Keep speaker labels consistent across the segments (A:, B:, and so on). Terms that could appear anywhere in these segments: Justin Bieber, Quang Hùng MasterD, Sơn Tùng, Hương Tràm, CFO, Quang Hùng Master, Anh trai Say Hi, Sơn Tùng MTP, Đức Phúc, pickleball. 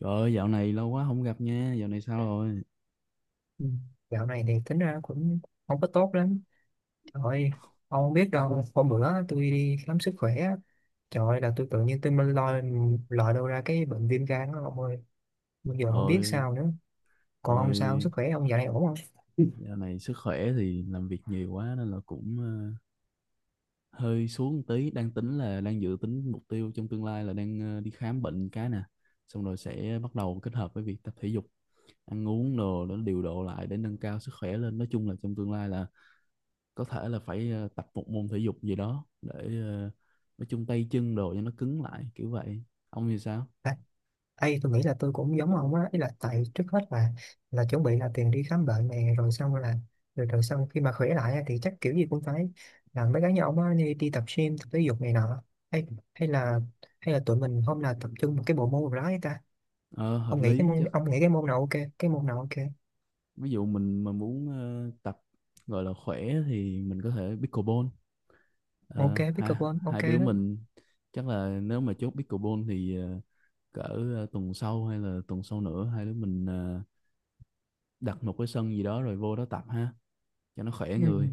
A: Trời ơi, dạo này lâu quá không gặp nha, dạo này sao rồi?
B: Ừ. Dạo này thì tính ra cũng không có tốt lắm. Trời ơi, ông không biết đâu. Hôm bữa tôi đi khám sức khỏe á, trời ơi là tôi tự nhiên mới lòi lòi đâu ra cái bệnh viêm gan đó ông ơi. Bây giờ không biết
A: Ôi,
B: sao nữa. Còn
A: rồi.
B: ông sao, sức khỏe ông dạo này ổn không?
A: Dạo này sức khỏe thì làm việc nhiều quá nên là cũng hơi xuống một tí, đang tính là đang dự tính mục tiêu trong tương lai là đang đi khám bệnh cái nè, xong rồi sẽ bắt đầu kết hợp với việc tập thể dục, ăn uống đồ để điều độ lại để nâng cao sức khỏe lên. Nói chung là trong tương lai là có thể là phải tập một môn thể dục gì đó để ờ, nói chung tay chân đồ cho nó cứng lại kiểu vậy. Ông thì sao?
B: À, tôi nghĩ là tôi cũng giống ông á. Ý là tại trước hết là chuẩn bị là tiền đi khám bệnh này. Rồi xong là rồi xong khi mà khỏe lại á, thì chắc kiểu gì cũng phải làm mấy cái như ông á, đi tập gym, tập thể dục này nọ, hay hay là hay là tụi mình hôm nào tập trung một cái bộ môn nào đó ấy ta.
A: Ờ, Hợp
B: ông nghĩ cái
A: lý
B: môn
A: chắc.
B: ông nghĩ cái môn nào ok cái môn nào ok
A: Ví dụ mình mà muốn tập gọi là khỏe thì mình có thể pickleball.
B: Ok,
A: Ờ, hai
B: pickleball
A: hai
B: ok
A: đứa
B: đó.
A: mình chắc là nếu mà chốt pickleball thì cỡ tuần sau hay là tuần sau nữa, hai đứa mình đặt một cái sân gì đó rồi vô đó tập ha, cho nó khỏe
B: Ừ.
A: người.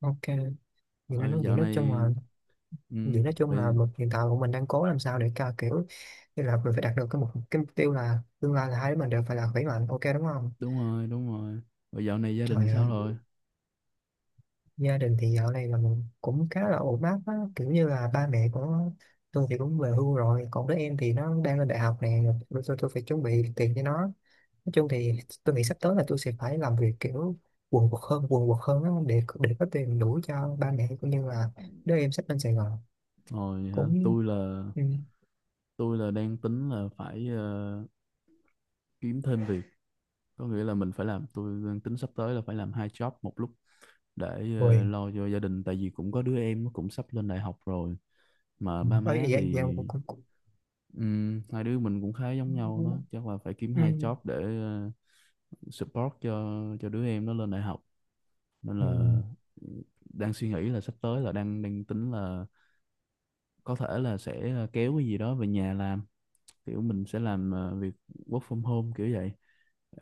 B: Ok, vậy nên
A: Rồi
B: nói vậy
A: dạo
B: nói
A: này,
B: chung là
A: ừ,
B: vậy nói chung là
A: rồi,
B: hiện tại bọn mình đang cố làm sao để ca kiểu như là mình phải đạt được cái mục tiêu là tương lai là hai đứa mình đều phải là khỏe mạnh, ok đúng không.
A: đúng rồi, đúng rồi. Rồi dạo này gia đình
B: Trời
A: sao
B: ơi,
A: rồi?
B: gia đình thì dạo này là mình cũng khá là ổn áp á, kiểu như là ba mẹ của tôi thì cũng về hưu rồi, còn đứa em thì nó đang lên đại học nè. Rồi tôi phải chuẩn bị tiền cho nó. Nói chung thì tôi nghĩ sắp tới là tôi sẽ phải làm việc kiểu quần quật hơn á, để có tiền đủ cho ba mẹ cũng như là đứa em sắp lên Sài Gòn.
A: Rồi hả?
B: Cũng
A: tôi là
B: ừ.
A: tôi là đang tính là phải kiếm thêm việc, có nghĩa là mình phải làm. Tôi đang tính sắp tới là phải làm hai job một lúc để
B: Rồi.
A: lo cho gia đình, tại vì cũng có đứa em nó cũng sắp lên đại học rồi mà
B: Ừ,
A: ba má
B: ấy
A: thì...
B: vậy vậy cũng cũng cũng
A: Hai đứa mình cũng khá giống nhau đó, chắc là phải kiếm
B: ừ.
A: hai job để support cho đứa em nó lên đại học. Nên
B: Ừ.
A: là đang suy nghĩ là sắp tới là đang đang tính là có thể là sẽ kéo cái gì đó về nhà làm, kiểu mình sẽ làm việc work from home kiểu vậy.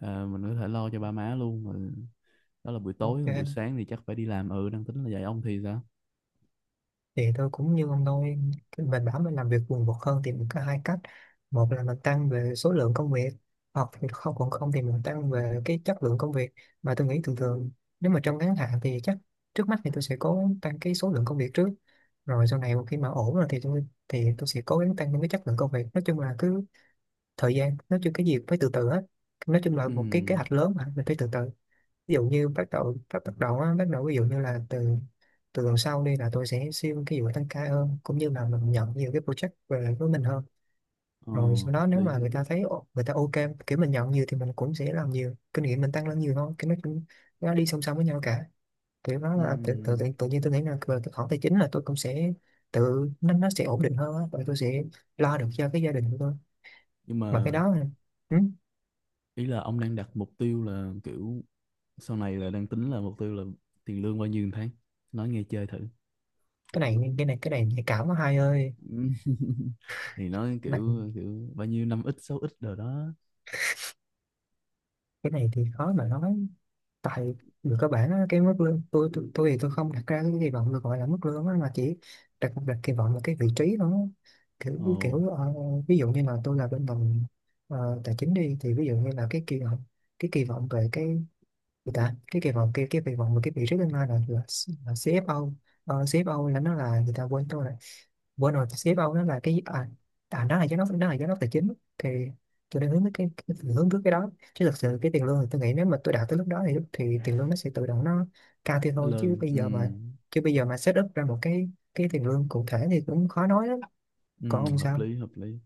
A: Ờ, mình có thể lo cho ba má luôn rồi, đó là buổi tối, còn buổi
B: Ok,
A: sáng thì chắc phải đi làm. Ừ, đang tính là vậy. Ông thì sao?
B: thì tôi cũng như ông thôi. Mình bảo mình làm việc quần quật hơn thì mình có hai cách. Một là mình tăng về số lượng công việc, hoặc thì không thì mình tăng về cái chất lượng công việc. Mà tôi nghĩ thường thường, nếu mà trong ngắn hạn thì chắc trước mắt thì tôi sẽ cố gắng tăng cái số lượng công việc trước, rồi sau này một khi mà ổn rồi thì tôi sẽ cố gắng tăng những cái chất lượng công việc. Nói chung là cứ thời gian, nói chung cái gì cũng phải từ từ hết. Nói chung là
A: Ừ,
B: một cái kế hoạch lớn mà mình phải từ từ. Ví dụ như bắt đầu bắt bắt đầu á bắt đầu ví dụ như là từ từ tuần sau đi là tôi sẽ xin cái vụ tăng ca hơn, cũng như là mình nhận nhiều cái project về lại với mình hơn.
A: ờ,
B: Rồi sau
A: hợp
B: đó nếu
A: lý.
B: mà người ta thấy người ta ok, kiểu mình nhận nhiều thì mình cũng sẽ làm nhiều, kinh nghiệm mình tăng lên nhiều thôi, cái nó cũng nó đi song song với nhau cả. Kiểu đó là tự, tự,
A: Ừ,
B: tự, tự nhiên tôi nghĩ là về cái khoản tài chính là tôi cũng sẽ tự nó sẽ ổn định hơn á, và tôi sẽ lo được cho cái gia đình của tôi.
A: nhưng
B: Mà cái
A: mà
B: đó ừ,
A: ý là ông đang đặt mục tiêu là kiểu sau này là đang tính là mục tiêu là tiền lương bao nhiêu một tháng, nói nghe chơi thử.
B: cái này nhạy cảm quá hai ơi.
A: Ừ. Thì nói
B: Này,
A: kiểu kiểu bao nhiêu năm ít sáu ít rồi đó.
B: cái này thì khó mà nói. Tại người cơ bản á, cái mức lương tôi thì tôi không đặt ra cái kỳ vọng được gọi là mức lương á, mà chỉ đặt đặt kỳ vọng là cái vị trí nó
A: Ồ,
B: kiểu kiểu ví dụ như là tôi là bên ngành tài chính đi, thì ví dụ như là cái kỳ vọng về cái thì ta cái kỳ vọng và cái vị trí tương lai là CFO. CFO là nó là người ta quên tôi rồi, quên rồi. CFO nó là cái nó là giám đốc tài chính. Thì tôi đang hướng tới cái đó, chứ thực sự cái tiền lương thì tôi nghĩ nếu mà tôi đạt tới lúc đó thì tiền lương nó sẽ tự động nó cao thêm
A: nó
B: thôi. chứ
A: lên.
B: bây
A: Ừ,
B: giờ mà chứ bây giờ mà set up ra một cái tiền lương cụ thể thì cũng khó nói lắm.
A: ừ,
B: Còn ông
A: hợp
B: sao?
A: lý hợp lý.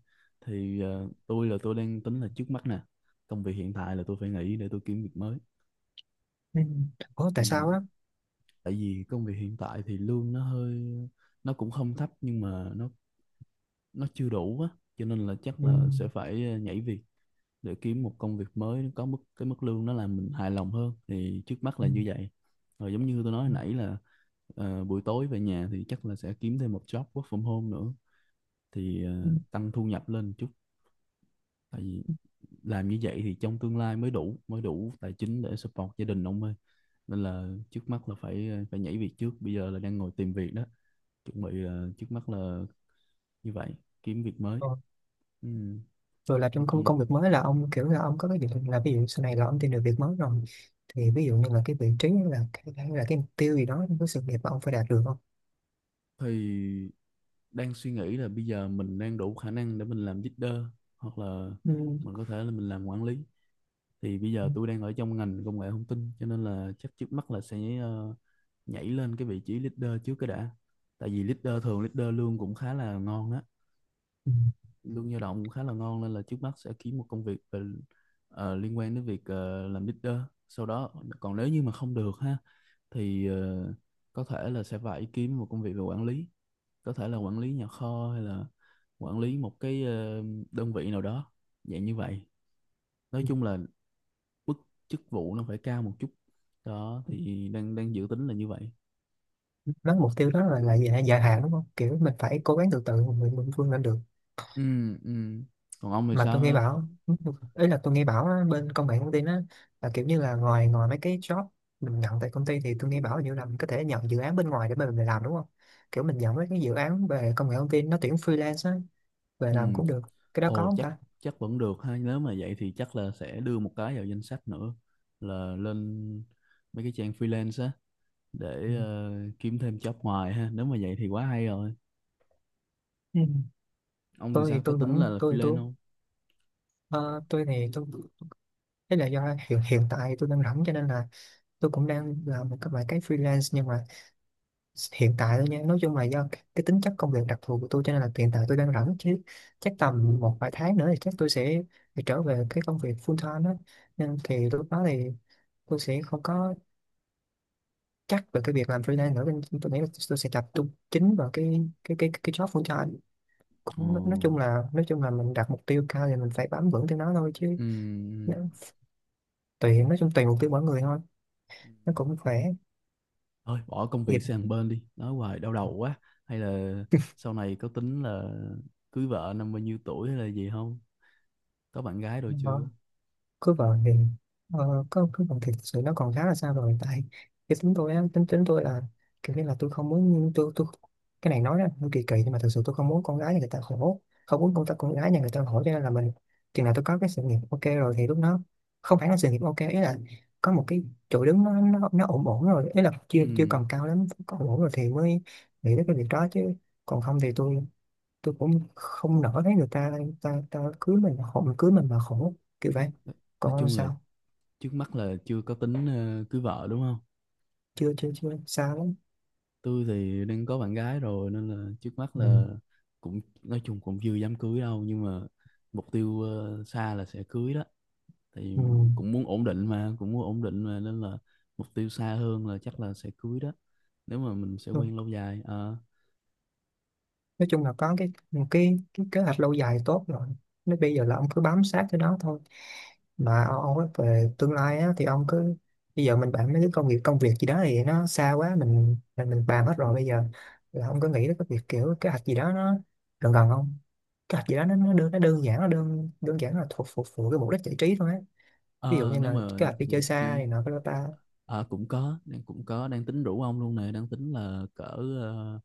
A: Thì tôi đang tính là trước mắt nè, công việc hiện tại là tôi phải nghỉ để tôi kiếm việc mới.
B: Ừ. Ủa tại
A: Ừm,
B: sao á?
A: Tại vì công việc hiện tại thì lương nó hơi, nó cũng không thấp nhưng mà nó chưa đủ á, cho nên là chắc
B: Ừ.
A: là sẽ phải nhảy việc, để kiếm một công việc mới có mức, cái mức lương nó làm mình hài lòng hơn, thì trước mắt
B: Ừ.
A: là như vậy. Rồi giống như tôi nói hồi
B: Ừ.
A: nãy là buổi tối về nhà thì chắc là sẽ kiếm thêm một job work from home nữa, thì
B: Ừ.
A: tăng thu nhập lên chút. Tại vì làm như vậy thì trong tương lai mới đủ, mới đủ tài chính để support gia đình ông ơi. Nên là trước mắt là phải phải nhảy việc trước, bây giờ là đang ngồi tìm việc đó, chuẩn bị là trước mắt là như vậy, kiếm việc mới.
B: Ừ.
A: Ừ.
B: Rồi là
A: Nói
B: trong công
A: chung
B: công việc mới là ông kiểu là ông có cái dự định là ví dụ sau này là ông tìm được việc mới rồi thì ví dụ như là cái vị trí, hay là cái mục tiêu gì đó trong cái sự nghiệp mà ông phải đạt được không.
A: thì đang suy nghĩ là bây giờ mình đang đủ khả năng để mình làm leader, hoặc là
B: Ừ.
A: mình có thể là mình làm quản lý. Thì bây giờ tôi đang ở trong ngành công nghệ thông tin cho nên là chắc trước mắt là sẽ nhảy lên cái vị trí leader trước cái đã. Tại vì leader thường, leader lương cũng khá là ngon á,
B: Ừ.
A: lương dao động cũng khá là ngon, nên là trước mắt sẽ kiếm một công việc về, liên quan đến việc làm leader. Sau đó, còn nếu như mà không được ha thì có thể là sẽ phải kiếm một công việc về quản lý, có thể là quản lý nhà kho hay là quản lý một cái đơn vị nào đó, dạng như vậy. Nói chung là mức chức vụ nó phải cao một chút, đó thì đang đang dự tính là như vậy.
B: Nói mục tiêu đó là dài hạn đúng không, kiểu mình phải cố gắng từ từ mình vươn lên được.
A: Ừ, ừ, còn ông thì
B: Mà
A: sao
B: tôi nghe
A: ha?
B: bảo, ấy là tôi nghe bảo á, bên công nghệ thông tin á, là kiểu như là ngoài ngoài mấy cái job mình nhận tại công ty, thì tôi nghe bảo như là mình có thể nhận dự án bên ngoài để mà mình làm đúng không, kiểu mình nhận mấy cái dự án về công nghệ thông tin nó tuyển freelance á về
A: Ừ.
B: làm cũng được. Cái đó có
A: Ồ,
B: không
A: chắc
B: ta?
A: chắc vẫn được ha, nếu mà vậy thì chắc là sẽ đưa một cái vào danh sách nữa là lên mấy cái trang freelance á
B: Ừ.
A: để kiếm thêm job ngoài ha. Nếu mà vậy thì quá hay rồi.
B: Ừ.
A: Ông thì
B: Tôi thì
A: sao, có
B: tôi
A: tính là
B: vẫn
A: freelance
B: tôi
A: không?
B: ờ, tôi thì tôi thế là do hiện hiện tại tôi đang rảnh cho nên là tôi cũng đang làm một cái vài cái freelance, nhưng mà hiện tại thôi nha. Nói chung là do cái tính chất công việc đặc thù của tôi cho nên là hiện tại tôi đang rảnh, chứ chắc tầm một vài tháng nữa thì chắc tôi sẽ phải trở về cái công việc full time đó. Nên thì lúc đó thì tôi sẽ không có chắc về cái việc làm freelance nữa, nên tôi nghĩ là tôi sẽ tập trung chính vào cái job full time.
A: Ồ.
B: Cũng nói chung là mình đặt mục tiêu cao thì mình phải bám vững theo nó thôi, chứ
A: Ừ.
B: nó- tùy, nói chung tùy mục tiêu mỗi người thôi.
A: Ừ.
B: Nó cũng khỏe.
A: Thôi bỏ công việc
B: Dịp
A: sang bên đi, nói hoài đau đầu quá. Hay là sau này có tính là cưới vợ năm bao nhiêu tuổi hay là gì không, có bạn gái rồi chưa?
B: cứ vợ thì có, cứ vợ thì thực sự nó còn khá là xa rồi. Tại cái tính tôi á, tính tính tôi là kiểu như là tôi không muốn tôi cái này nói ra nó kỳ kỳ, nhưng mà thực sự tôi không muốn con gái nhà người ta khổ, không muốn con gái nhà người ta khổ, cho nên là mình chừng nào tôi có cái sự nghiệp ok rồi thì lúc đó, không phải là sự nghiệp ok ý là có một cái chỗ đứng nó ổn ổn rồi, ý là chưa
A: Ừ.
B: chưa còn cao lắm, có ổn ổn rồi thì mới nghĩ đến cái việc đó chứ. Còn không thì tôi cũng không nỡ thấy người ta ta ta cưới mình mà khổ, mình cưới mình mà khổ, kiểu vậy.
A: Nói nói
B: Còn ông
A: chung là
B: sao?
A: trước mắt là chưa có tính cưới vợ đúng không.
B: Chưa chưa chưa xa lắm.
A: Tôi thì đang có bạn gái rồi nên là trước mắt
B: Ừ.
A: là cũng nói chung cũng chưa dám cưới đâu, nhưng mà mục tiêu xa là sẽ cưới đó. Thì
B: Ừ.
A: cũng muốn ổn định mà, cũng muốn ổn định mà, nên là mục tiêu xa hơn là chắc là sẽ cưới đó nếu mà mình sẽ
B: Ừ.
A: quen lâu dài. Ờ,
B: Nói chung là có cái kế hoạch lâu dài tốt rồi. Nếu bây giờ là ông cứ bám sát cái đó thôi. Mà ông nói về tương lai á, thì ông cứ bây giờ mình bàn mấy cái công việc gì đó thì nó xa quá, mình bàn hết rồi. Bây giờ là ông có nghĩ đến cái việc kiểu kế hoạch gì đó nó gần gần không? Kế hoạch gì đó nó đơn giản nó đơn đơn giản là thuộc phục vụ cái mục đích giải trí thôi á, ví dụ
A: ờ,
B: như
A: nếu
B: là
A: mà
B: kế hoạch đi chơi
A: vậy
B: xa này
A: chi,
B: nọ, cái đó ta.
A: cũng có đang tính rủ ông luôn nè, đang tính là cỡ ờ,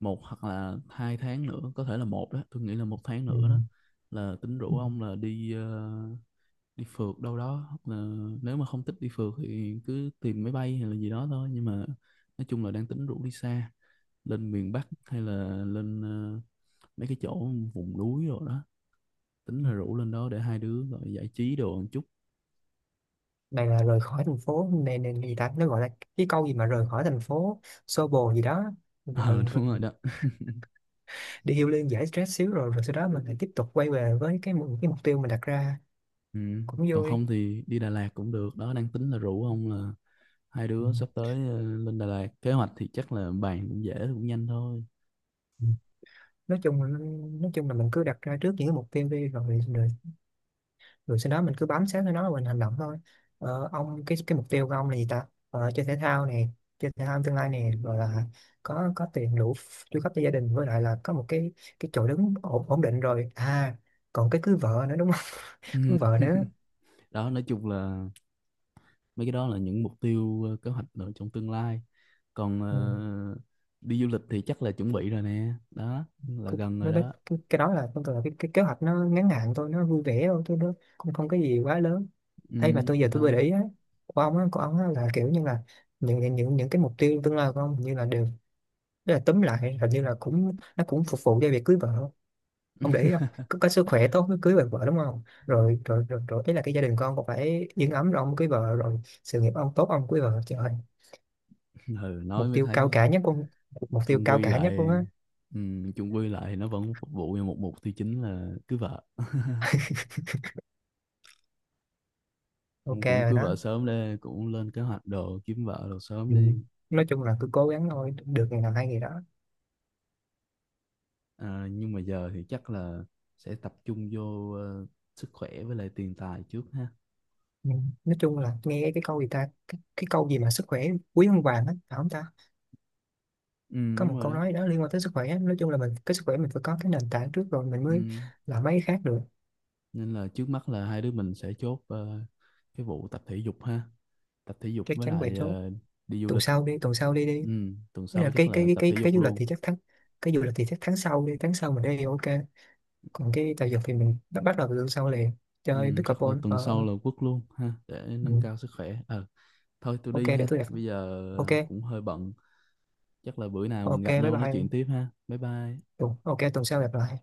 A: 1 hoặc 2 tháng nữa, có thể là một đó, tôi nghĩ là 1 tháng
B: Ừ.
A: nữa đó, là tính
B: Ừ.
A: rủ ông là đi phượt đâu đó, hoặc là nếu mà không thích đi phượt thì cứ tìm máy bay hay là gì đó thôi. Nhưng mà nói chung là đang tính rủ đi xa, lên miền Bắc hay là lên mấy cái chỗ vùng núi rồi đó, tính là rủ lên đó để hai đứa gọi giải trí đồ một chút.
B: Này là rời khỏi thành phố này, này này gì ta, nó gọi là cái câu gì mà rời khỏi thành phố xô bồ gì đó.
A: Ờ
B: Rồi, rồi,
A: đúng rồi đó.
B: đi healing liên giải stress xíu, rồi rồi sau đó mình lại tiếp tục quay về với cái mục tiêu mình đặt ra.
A: Ừ,
B: Cũng
A: còn
B: vui.
A: không thì đi Đà Lạt cũng được đó, đang tính là rủ ông là hai
B: Ừ.
A: đứa sắp tới lên Đà Lạt. Kế hoạch thì chắc là bàn cũng dễ cũng nhanh thôi.
B: Ừ. nói chung là- nói chung là mình cứ đặt ra trước những cái mục tiêu đi, rồi, rồi rồi sau đó mình cứ bám sát theo nó và mình hành động thôi. Ông cái mục tiêu của ông là gì ta, chơi thể thao này, chơi thể thao tương lai này, rồi là có tiền đủ chu cấp cho gia đình, với lại là có một cái chỗ đứng ổn định rồi à, còn cái cưới vợ nữa đúng không?
A: Ừ.
B: Cưới vợ nữa.
A: Đó, nói chung là mấy cái đó là những mục tiêu, kế hoạch ở trong tương lai. Còn
B: Ừ.
A: đi du lịch thì chắc là chuẩn bị rồi nè, đó là
B: Cô-
A: gần rồi
B: cái,
A: đó.
B: cái, cái đó là con tưởng là cái kế hoạch nó ngắn hạn thôi, nó vui vẻ thôi tôi nó không, không cái gì quá lớn. Hay mà
A: Ừ,
B: tôi giờ tôi vừa để
A: đó.
B: ý á, của ông á, là kiểu như là những cái mục tiêu tương lai của ông như là đều, thế là túm lại hình như là cũng nó cũng phục vụ cho việc cưới vợ. Ông để ý không? Có, có sức khỏe tốt mới cưới được vợ đúng không, rồi ấy là cái gia đình con cũng phải yên ấm rồi ông cưới vợ, rồi sự nghiệp ông tốt ông cưới vợ. Trời ơi,
A: Ừ, nói
B: mục
A: mới
B: tiêu cao
A: thấy
B: cả nhất luôn, mục tiêu
A: chung
B: cao
A: quy
B: cả nhất luôn
A: lại
B: á.
A: ừ, chung quy lại thì nó vẫn phục vụ cho một mục tiêu chính là cưới vợ. Ông
B: Ok
A: cũng
B: rồi
A: cưới
B: đó.
A: vợ sớm đi, cũng lên kế hoạch đồ kiếm vợ đồ sớm
B: Ừ.
A: đi.
B: Nói chung là cứ cố gắng thôi, được ngày nào hay ngày đó.
A: À, nhưng mà giờ thì chắc là sẽ tập trung vô sức khỏe với lại tiền tài trước ha.
B: Ừ. Nói chung là nghe cái câu gì ta, cái câu gì mà sức khỏe quý hơn vàng á, phải không ta?
A: Ừ,
B: Có
A: đúng
B: một
A: rồi
B: câu
A: đó.
B: nói đó liên quan tới sức khỏe á. Nói chung là mình cái sức khỏe mình phải có cái nền tảng trước rồi mình mới
A: Ừ.
B: làm mấy cái khác được.
A: Nên là trước mắt là hai đứa mình sẽ chốt cái vụ tập thể dục ha, tập thể dục
B: Chắc
A: với
B: chắn về
A: lại
B: số.
A: đi du
B: Tuần
A: lịch.
B: sau đi, tuần sau đi đi.
A: Ừ, tuần
B: Nghĩa là
A: sau chắc là tập thể
B: cái
A: dục
B: du lịch
A: luôn.
B: thì chắc tháng, cái du lịch thì chắc tháng sau đi, tháng sau mình đi ok. Còn cái tài vật thì mình bắt bắt đầu từ tuần sau liền.
A: Ừ,
B: Chơi
A: chắc là
B: pickleball
A: tuần sau
B: ờ,
A: là quất luôn ha để nâng
B: ừ.
A: cao sức khỏe. Ờ Thôi tôi
B: Ok,
A: đi
B: để
A: ha,
B: tôi đẹp.
A: bây
B: Ok.
A: giờ cũng hơi bận. Chắc là bữa nào mình
B: Ok
A: gặp
B: bye
A: nhau nói chuyện
B: bye.
A: tiếp ha, bye bye.
B: Ừ, ok tuần sau gặp lại.